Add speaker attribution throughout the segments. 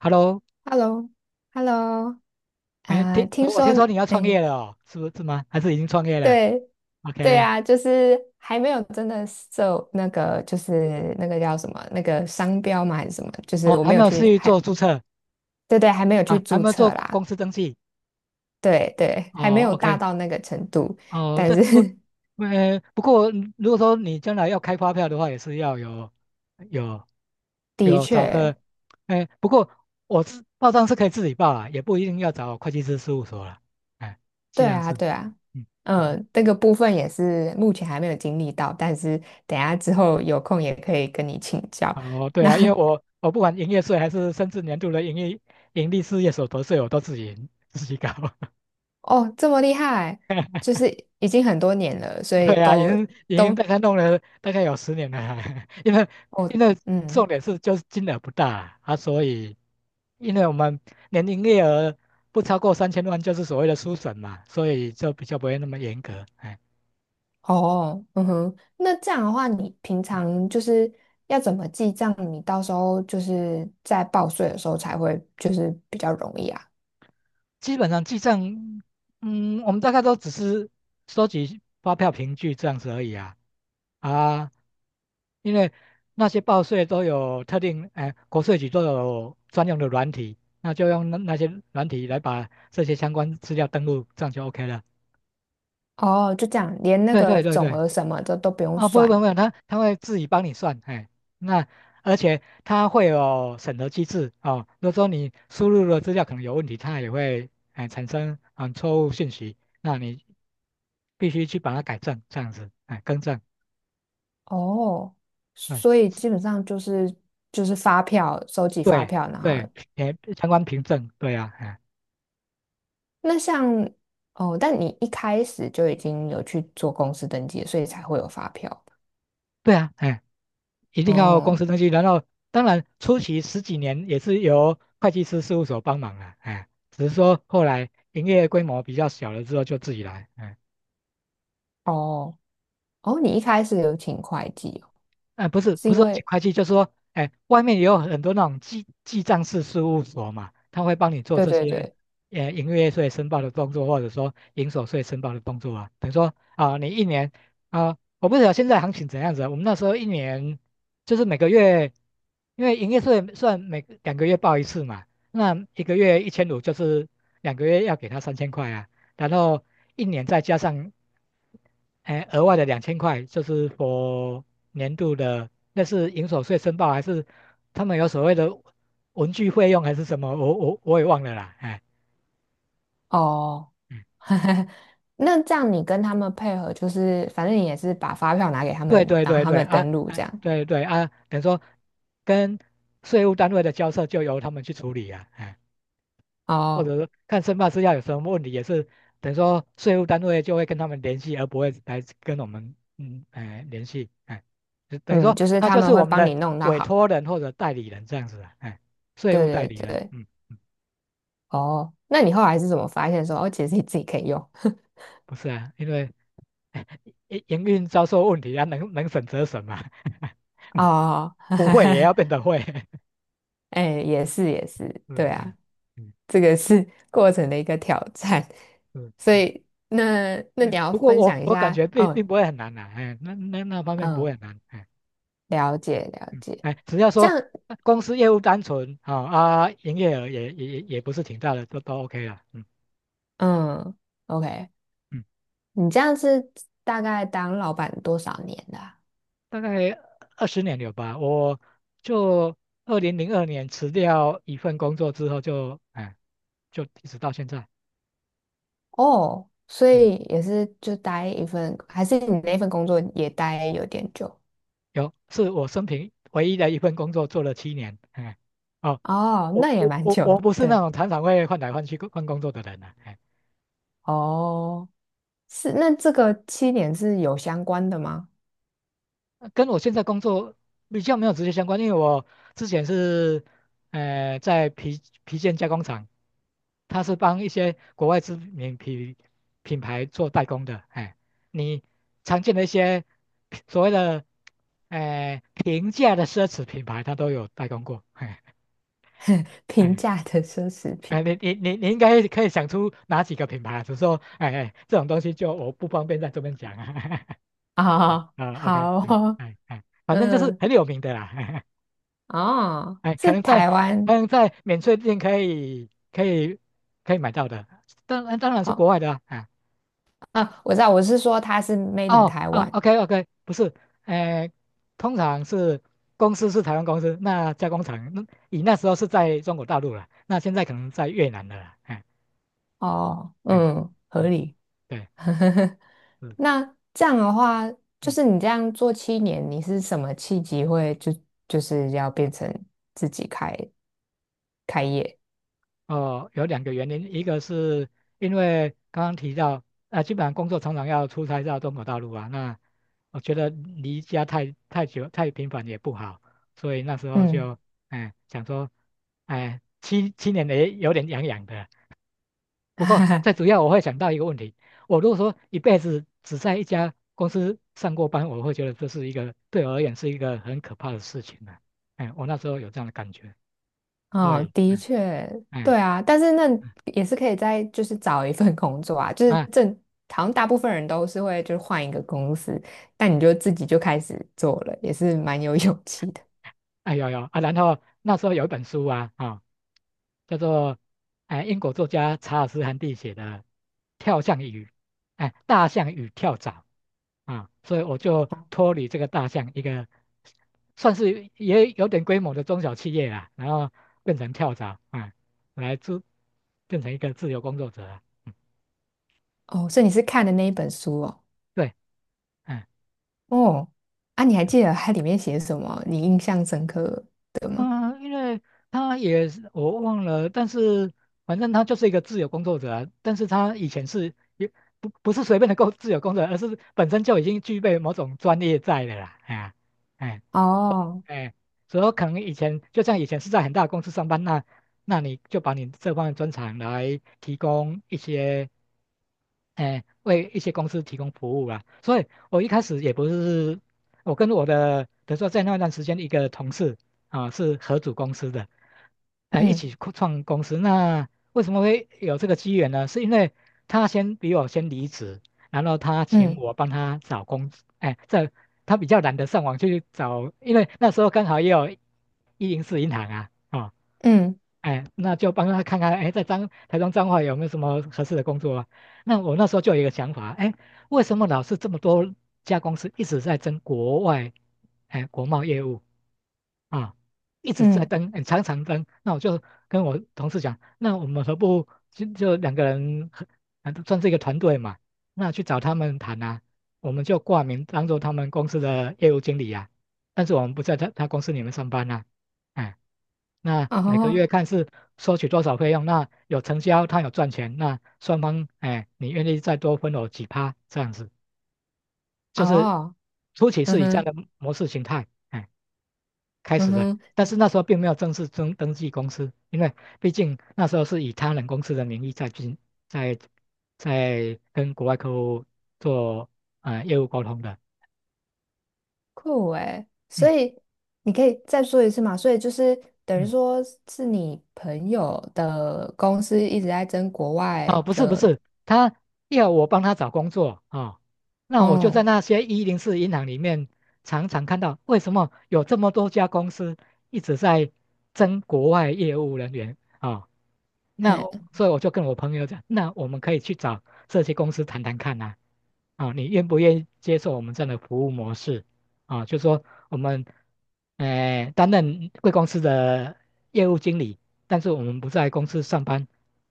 Speaker 1: Hello，
Speaker 2: Hello,Hello,
Speaker 1: 哎，
Speaker 2: 啊，
Speaker 1: 听
Speaker 2: 听
Speaker 1: 呃我
Speaker 2: 说，
Speaker 1: 听说你要创
Speaker 2: 哎，
Speaker 1: 业了哦，是不是吗？还是已经创业了
Speaker 2: 对，对
Speaker 1: ？OK，
Speaker 2: 啊，就是还没有真的受那个，就是那个叫什么，那个商标嘛还是什么，就是
Speaker 1: 哦，
Speaker 2: 我
Speaker 1: 还
Speaker 2: 没
Speaker 1: 没
Speaker 2: 有
Speaker 1: 有
Speaker 2: 去，
Speaker 1: 去
Speaker 2: 还，
Speaker 1: 做注册
Speaker 2: 对对，还没有去
Speaker 1: 啊，还
Speaker 2: 注
Speaker 1: 没有
Speaker 2: 册
Speaker 1: 做公
Speaker 2: 啦，
Speaker 1: 公司登记。
Speaker 2: 对对，还没
Speaker 1: 哦
Speaker 2: 有大
Speaker 1: ，OK，
Speaker 2: 到那个程度，
Speaker 1: 哦，
Speaker 2: 但
Speaker 1: 对，不，
Speaker 2: 是
Speaker 1: 不过如果说你将来要开发票的话，也是要有有
Speaker 2: 的
Speaker 1: 找
Speaker 2: 确，
Speaker 1: 个，哎，不过我是报账是可以自己报啦，也不一定要找会计师事务所啦。哎，这
Speaker 2: 对
Speaker 1: 样
Speaker 2: 啊，
Speaker 1: 是，
Speaker 2: 对啊，
Speaker 1: 嗯 o k，
Speaker 2: 嗯，那个部分也是目前还没有经历到，但是等一下之后有空也可以跟你请教。
Speaker 1: 哦，对啊，因为我不管营业税还是甚至年度的营业盈利事业所得税，我都自己搞。
Speaker 2: 哦，这么厉害，就是已经很多年了，所以
Speaker 1: 对啊，已
Speaker 2: 都
Speaker 1: 经已经
Speaker 2: 都
Speaker 1: 大概弄了大概有十年了，因为
Speaker 2: 哦，
Speaker 1: 因为重
Speaker 2: 嗯，
Speaker 1: 点是就是金额不大啊，啊所以因为我们年营业额不超过3000万就是所谓的书审嘛，所以就比较不会那么严格。哎，
Speaker 2: 哦，嗯哼，那这样的话，你平常就是要怎么记账？你到时候就是在报税的时候才会就是比较容易啊。
Speaker 1: 基本上记账，嗯，我们大概都只是收集发票凭据这样子而已啊。啊，因为那些报税都有特定，哎、国税局都有专用的软体，那就用那些软体来把这些相关资料登录，这样就 OK 了。
Speaker 2: 哦，就这样，连那
Speaker 1: 对
Speaker 2: 个
Speaker 1: 对对
Speaker 2: 总
Speaker 1: 对，
Speaker 2: 额什么的都不用
Speaker 1: 啊，不会
Speaker 2: 算
Speaker 1: 不会，不会他会自己帮你算，哎，那而且他会有审核机制哦。如果说你输入的资料可能有问题，他也会哎产生错误信息，那你必须去把它改正，这样子，哎，更正，
Speaker 2: 哦，
Speaker 1: 哎，
Speaker 2: 所以基本上就是就是发票，收集发
Speaker 1: 对
Speaker 2: 票，然后
Speaker 1: 对，相关凭证，对啊，哎，
Speaker 2: 那像哦，但你一开始就已经有去做公司登记了所以才会有发票吧
Speaker 1: 对啊，哎。一定要公
Speaker 2: 哦
Speaker 1: 司登记，然后当然初期十几年也是由会计师事务所帮忙了，哎，只是说后来营业规模比较小了之后就自己来，哎
Speaker 2: 哦哦，你一开始有请会计哦
Speaker 1: 哎
Speaker 2: 是
Speaker 1: 不
Speaker 2: 因
Speaker 1: 是说请
Speaker 2: 为
Speaker 1: 会计，就是说，哎，外面也有很多那种记账式事务所嘛，他会帮你做
Speaker 2: 对
Speaker 1: 这
Speaker 2: 对
Speaker 1: 些，
Speaker 2: 对
Speaker 1: 营业税申报的动作，或者说营所税申报的动作啊。等于说啊、你一年啊、我不知道现在行情怎样子啊我们那时候一年就是每个月，因为营业税算每两个月报一次嘛，那1个月1500就是两个月要给他3000块啊，然后一年再加上哎，额外的2000块就是 年度的，那是营所税申报还是他们有所谓的文具费用还是什么？我也忘了啦。哎，
Speaker 2: 哦，
Speaker 1: 嗯，
Speaker 2: 那这样你跟他们配合，就是反正你也是把发票拿给他
Speaker 1: 对
Speaker 2: 们，
Speaker 1: 对
Speaker 2: 让
Speaker 1: 对
Speaker 2: 他
Speaker 1: 对
Speaker 2: 们
Speaker 1: 啊，
Speaker 2: 登录
Speaker 1: 哎，
Speaker 2: 这样。
Speaker 1: 对对啊，等于说跟税务单位的交涉就由他们去处理啊。哎或
Speaker 2: 哦，
Speaker 1: 者是看申办事项有什么问题，也是等于说税务单位就会跟他们联系，而不会来跟我们哎联系，哎，就等于
Speaker 2: 嗯，
Speaker 1: 说
Speaker 2: 就是
Speaker 1: 他
Speaker 2: 他
Speaker 1: 就是
Speaker 2: 们会
Speaker 1: 我们
Speaker 2: 帮
Speaker 1: 的
Speaker 2: 你弄到
Speaker 1: 委
Speaker 2: 好。
Speaker 1: 托人或者代理人这样子啊，哎，税
Speaker 2: 对
Speaker 1: 务代
Speaker 2: 对
Speaker 1: 理人，
Speaker 2: 对，
Speaker 1: 嗯，嗯
Speaker 2: 哦，那你后来是怎么发现说哦，其实你自己可以用？
Speaker 1: 不是啊，因为 哎营运遭受问题啊，能省则省嘛，
Speaker 2: 哦，
Speaker 1: 不会也要变 得会，
Speaker 2: 哎，也是也是，
Speaker 1: 是，
Speaker 2: 对
Speaker 1: 哎
Speaker 2: 啊。
Speaker 1: 嗯
Speaker 2: 这个是 过程的一个挑战。
Speaker 1: 是
Speaker 2: 所
Speaker 1: 嗯，
Speaker 2: 以，那那你
Speaker 1: 对，
Speaker 2: 要
Speaker 1: 不过
Speaker 2: 分
Speaker 1: 我
Speaker 2: 享一
Speaker 1: 我感觉
Speaker 2: 下，
Speaker 1: 并
Speaker 2: 哦，
Speaker 1: 并不会很难呐、哎，那方面不会
Speaker 2: 嗯，
Speaker 1: 很难，哎。
Speaker 2: 了解了
Speaker 1: 嗯，
Speaker 2: 解，
Speaker 1: 哎，只要
Speaker 2: 这
Speaker 1: 说
Speaker 2: 样，
Speaker 1: 公司业务单纯啊啊，营业额也不是挺大的，都 OK 了。嗯
Speaker 2: 嗯，OK,
Speaker 1: 嗯，
Speaker 2: 你这样是大概当老板多少年的啊？
Speaker 1: 大概20年有吧。我就2002年辞掉一份工作之后就，哎就一直到现在。
Speaker 2: 哦，所
Speaker 1: 嗯，
Speaker 2: 以也是就待一份，还是你那份工作也待有点久？
Speaker 1: 有是我生平唯一的一份工作做了七年。哎，哦，
Speaker 2: 哦，
Speaker 1: 我
Speaker 2: 那也
Speaker 1: 我
Speaker 2: 蛮
Speaker 1: 我
Speaker 2: 久的，
Speaker 1: 我不是那
Speaker 2: 对，
Speaker 1: 种常常会换来换去换工作的人呢啊。哎
Speaker 2: 哦，是，那这个七年是有相关的吗？
Speaker 1: 跟我现在工作比较没有直接相关，因为我之前是，在皮件加工厂，它是帮一些国外知名品牌做代工的。哎，你常见的一些所谓的，平价的奢侈品牌，它都有代工过。哎
Speaker 2: 平
Speaker 1: 哎
Speaker 2: 价的奢侈品
Speaker 1: 哎，你应该可以想出哪几个品牌啊？只是说，哎哎，这种东西就我不方便在这边讲啊。
Speaker 2: 啊，
Speaker 1: 啊，OK，
Speaker 2: 好
Speaker 1: 哎
Speaker 2: 哦
Speaker 1: 哎哎，反正就是
Speaker 2: 嗯，
Speaker 1: 很有名的啦。
Speaker 2: 哦，
Speaker 1: 哎，
Speaker 2: 是台
Speaker 1: 可
Speaker 2: 湾
Speaker 1: 能在免税店可以可以买到的，当然是国
Speaker 2: 哦，
Speaker 1: 外的啊。哎
Speaker 2: 啊，我知道，我是说它是 made in
Speaker 1: 哦
Speaker 2: 台
Speaker 1: 哦
Speaker 2: 湾
Speaker 1: ，OK OK，不是，哎，通常是公司是台湾公司，那加工厂那以那时候是在中国大陆了，那现在可能在越南的了啦哎
Speaker 2: 哦，
Speaker 1: 哎
Speaker 2: 嗯，合
Speaker 1: 嗯，
Speaker 2: 理。
Speaker 1: 对，是
Speaker 2: 那这样的话，就
Speaker 1: 嗯。
Speaker 2: 是你这样做七年，你是什么契机会就就是要变成自己开开业？
Speaker 1: 哦，有两个原因，一个是因为刚刚提到，啊，基本上工作常常要出差到中国大陆啊，那我觉得离家太久太频繁也不好，所以那时候
Speaker 2: 嗯，
Speaker 1: 就，哎，想说，哎，七年也有点痒痒的。不过最 主要我会想到一个问题，我如果说一辈子只在一家公司上过班，我会觉得这是一个对我而言是一个很可怕的事情啊。哎，我那时候有这样的感觉，所
Speaker 2: 哦，
Speaker 1: 以，
Speaker 2: 的
Speaker 1: 嗯
Speaker 2: 确，对
Speaker 1: 嗯。
Speaker 2: 啊，但是那
Speaker 1: 嗯
Speaker 2: 也是可以再就是找一份工作啊，就是
Speaker 1: 啊。
Speaker 2: 正好像大部分人都是会就是换一个公司，但你就自己就开始做了，也是蛮有勇气的。
Speaker 1: 哎有有啊，然后那时候有一本书啊，啊、叫做哎英国作家查尔斯·韩蒂写的《跳象与哎大象与跳蚤》啊，所以我就脱离这个大象一个算是也有点规模的中小企业啦，然后变成跳蚤啊，来自变成一个自由工作者啊，嗯
Speaker 2: 哦，所以你是看的那一本书哦，
Speaker 1: 对，嗯。
Speaker 2: 哦，啊，你还记得它里面写什么？你印象深刻的吗？
Speaker 1: 嗯，因为他也是我忘了，但是反正他就是一个自由工作者啊但是他以前是也不是随便的自由工作者，而是本身就已经具备某种专业在的啦。哎呀哎
Speaker 2: 哦，
Speaker 1: 哎，所以可能以前就像以前是在很大的公司上班，那那你就把你这方面专长来提供一些哎，为一些公司提供服务啊。所以我一开始也不是，我跟我的，比如说在那段时间一个同事啊，是合组公司的，哎，一
Speaker 2: 嗯
Speaker 1: 起扩创公司。那为什么会有这个机缘呢？是因为他先比我先离职，然后他请
Speaker 2: 嗯
Speaker 1: 我帮他找工，哎，他比较懒得上网去找，因为那时候刚好也有一零四银行啊，哦，
Speaker 2: 嗯
Speaker 1: 哎，那就帮他看看，哎，在台中彰化有没有什么合适的工作啊？那我那时候就有一个想法，哎，为什么老是这么多家公司一直在争国外，哎，国贸业务？啊，一直在
Speaker 2: 嗯，
Speaker 1: 登，欸常常登。那我就跟我同事讲，那我们何不就两个人合，啊算是一个团队嘛？那去找他们谈啊，我们就挂名当做他们公司的业务经理啊，但是我们不在他公司里面上班啊。哎，那每个月
Speaker 2: 哦
Speaker 1: 看是收取多少费用，那有成交，他有赚钱，那双方哎，你愿意再多分我几趴这样子，就是
Speaker 2: 哦，
Speaker 1: 初期
Speaker 2: 嗯
Speaker 1: 是以这样
Speaker 2: 哼
Speaker 1: 的模式形态。哎开
Speaker 2: 嗯
Speaker 1: 始的，
Speaker 2: 哼。
Speaker 1: 但是那时候并没有正式登记公司，因为毕竟那时候是以他人公司的名义在进在在跟国外客户做业务沟通的。
Speaker 2: 酷诶，所
Speaker 1: 嗯
Speaker 2: 以你可以再说一次嘛？所以就是等于
Speaker 1: 嗯。
Speaker 2: 说是你朋友的公司一直在争国外
Speaker 1: 哦，不是不
Speaker 2: 的，
Speaker 1: 是，他要我帮他找工作啊、哦，那我就在
Speaker 2: 哦，
Speaker 1: 那些一零四银行里面常常看到，为什么有这么多家公司一直在争国外业务人员啊、哦？那
Speaker 2: 嘿，
Speaker 1: 所以我就跟我朋友讲，那我们可以去找这些公司谈谈看呐、啊，啊你愿不愿意接受我们这样的服务模式？啊，就说我们，担任贵公司的业务经理，但是我们不在公司上班，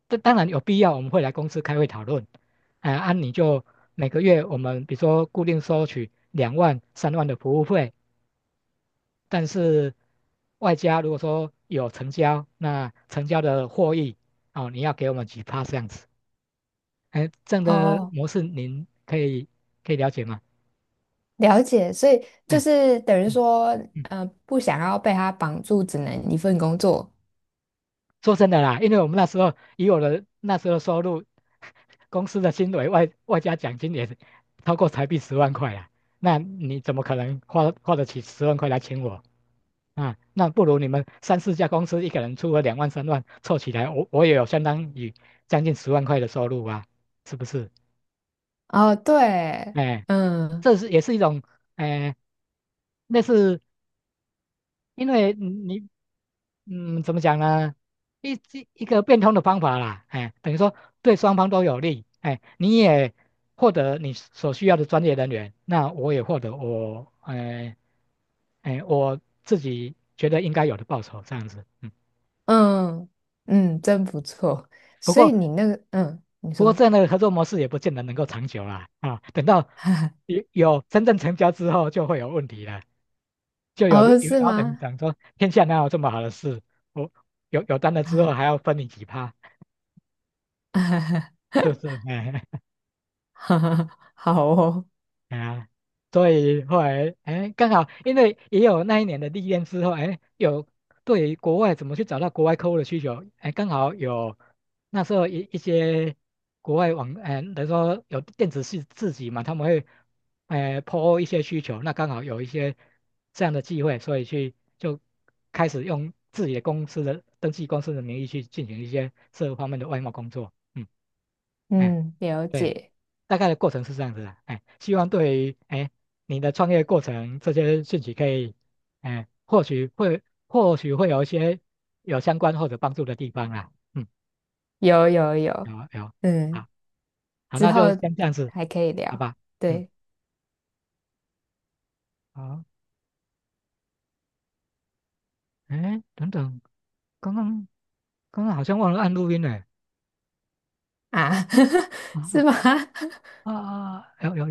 Speaker 1: 这当然有必要，我们会来公司开会讨论。哎、按你就每个月我们比如说固定收取两万、三万的服务费，但是外加如果说有成交，那成交的获益哦，你要给我们几趴这样子。哎，这样的
Speaker 2: 哦，
Speaker 1: 模式您可以了解吗？
Speaker 2: 了解。所以就
Speaker 1: 哎，
Speaker 2: 是等于
Speaker 1: 嗯
Speaker 2: 说，
Speaker 1: 嗯。
Speaker 2: 嗯，不想要被他绑住，只能一份工作。
Speaker 1: 说真的啦，因为我们那时候以我的那时候的收入，公司的薪水外加奖金也是超过台币十万块啊，那你怎么可能花得起十万块来请我啊？那不如你们三四家公司一个人出个两万三万凑起来，我也有相当于将近十万块的收入啊，是不是？
Speaker 2: 哦，对，
Speaker 1: 哎，
Speaker 2: 嗯
Speaker 1: 这是也是一种哎类似因为嗯你嗯怎么讲呢？一个变通的方法啦，哎，等于说对双方都有利，哎，你也获得你所需要的专业人员，那我也获得我哎哎我自己觉得应该有的报酬，这样子。嗯，
Speaker 2: 嗯嗯，真不错。
Speaker 1: 不
Speaker 2: 所
Speaker 1: 过
Speaker 2: 以你那个，嗯，你
Speaker 1: 这
Speaker 2: 说，
Speaker 1: 样的合作模式也不见得能够长久啦，啊，等到 有真正成交之后就会有问题了，就
Speaker 2: 哦，
Speaker 1: 有的
Speaker 2: 是
Speaker 1: 老板
Speaker 2: 吗？
Speaker 1: 讲说天下哪有这么好的事，我有单了之后还 要分你几趴。
Speaker 2: 哈哈
Speaker 1: 是不是？哎哎
Speaker 2: 好哦。
Speaker 1: 哎呀，所以后来哎，刚好因为也有那一年的历练之后，哎，有对于国外怎么去找到国外客户的需求，哎，刚好有那时候一些国外网，哎，等于说有电子系自己嘛，他们会哎 po 一些需求，那刚好有一些这样的机会，所以去就开始用自己的公司的登记公司的名义去进行一些这方面的外贸工作，嗯，哎，
Speaker 2: 嗯，了
Speaker 1: 对。
Speaker 2: 解，
Speaker 1: 大概的过程是这样子的，哎，希望对于哎你的创业过程这些兴息可以，哎，或许会有一些相关或者帮助的地方啦，嗯，
Speaker 2: 有有
Speaker 1: 有
Speaker 2: 有，
Speaker 1: 有，
Speaker 2: 嗯，
Speaker 1: 好，好，
Speaker 2: 之
Speaker 1: 那
Speaker 2: 后
Speaker 1: 就先这样子，
Speaker 2: 还可以
Speaker 1: 好
Speaker 2: 聊，
Speaker 1: 吧，嗯，
Speaker 2: 对
Speaker 1: 好，哎，等等，刚刚刚刚好像忘了按录音呢，
Speaker 2: 啊，是
Speaker 1: 啊
Speaker 2: 吗？
Speaker 1: 啊啊啊，有有有。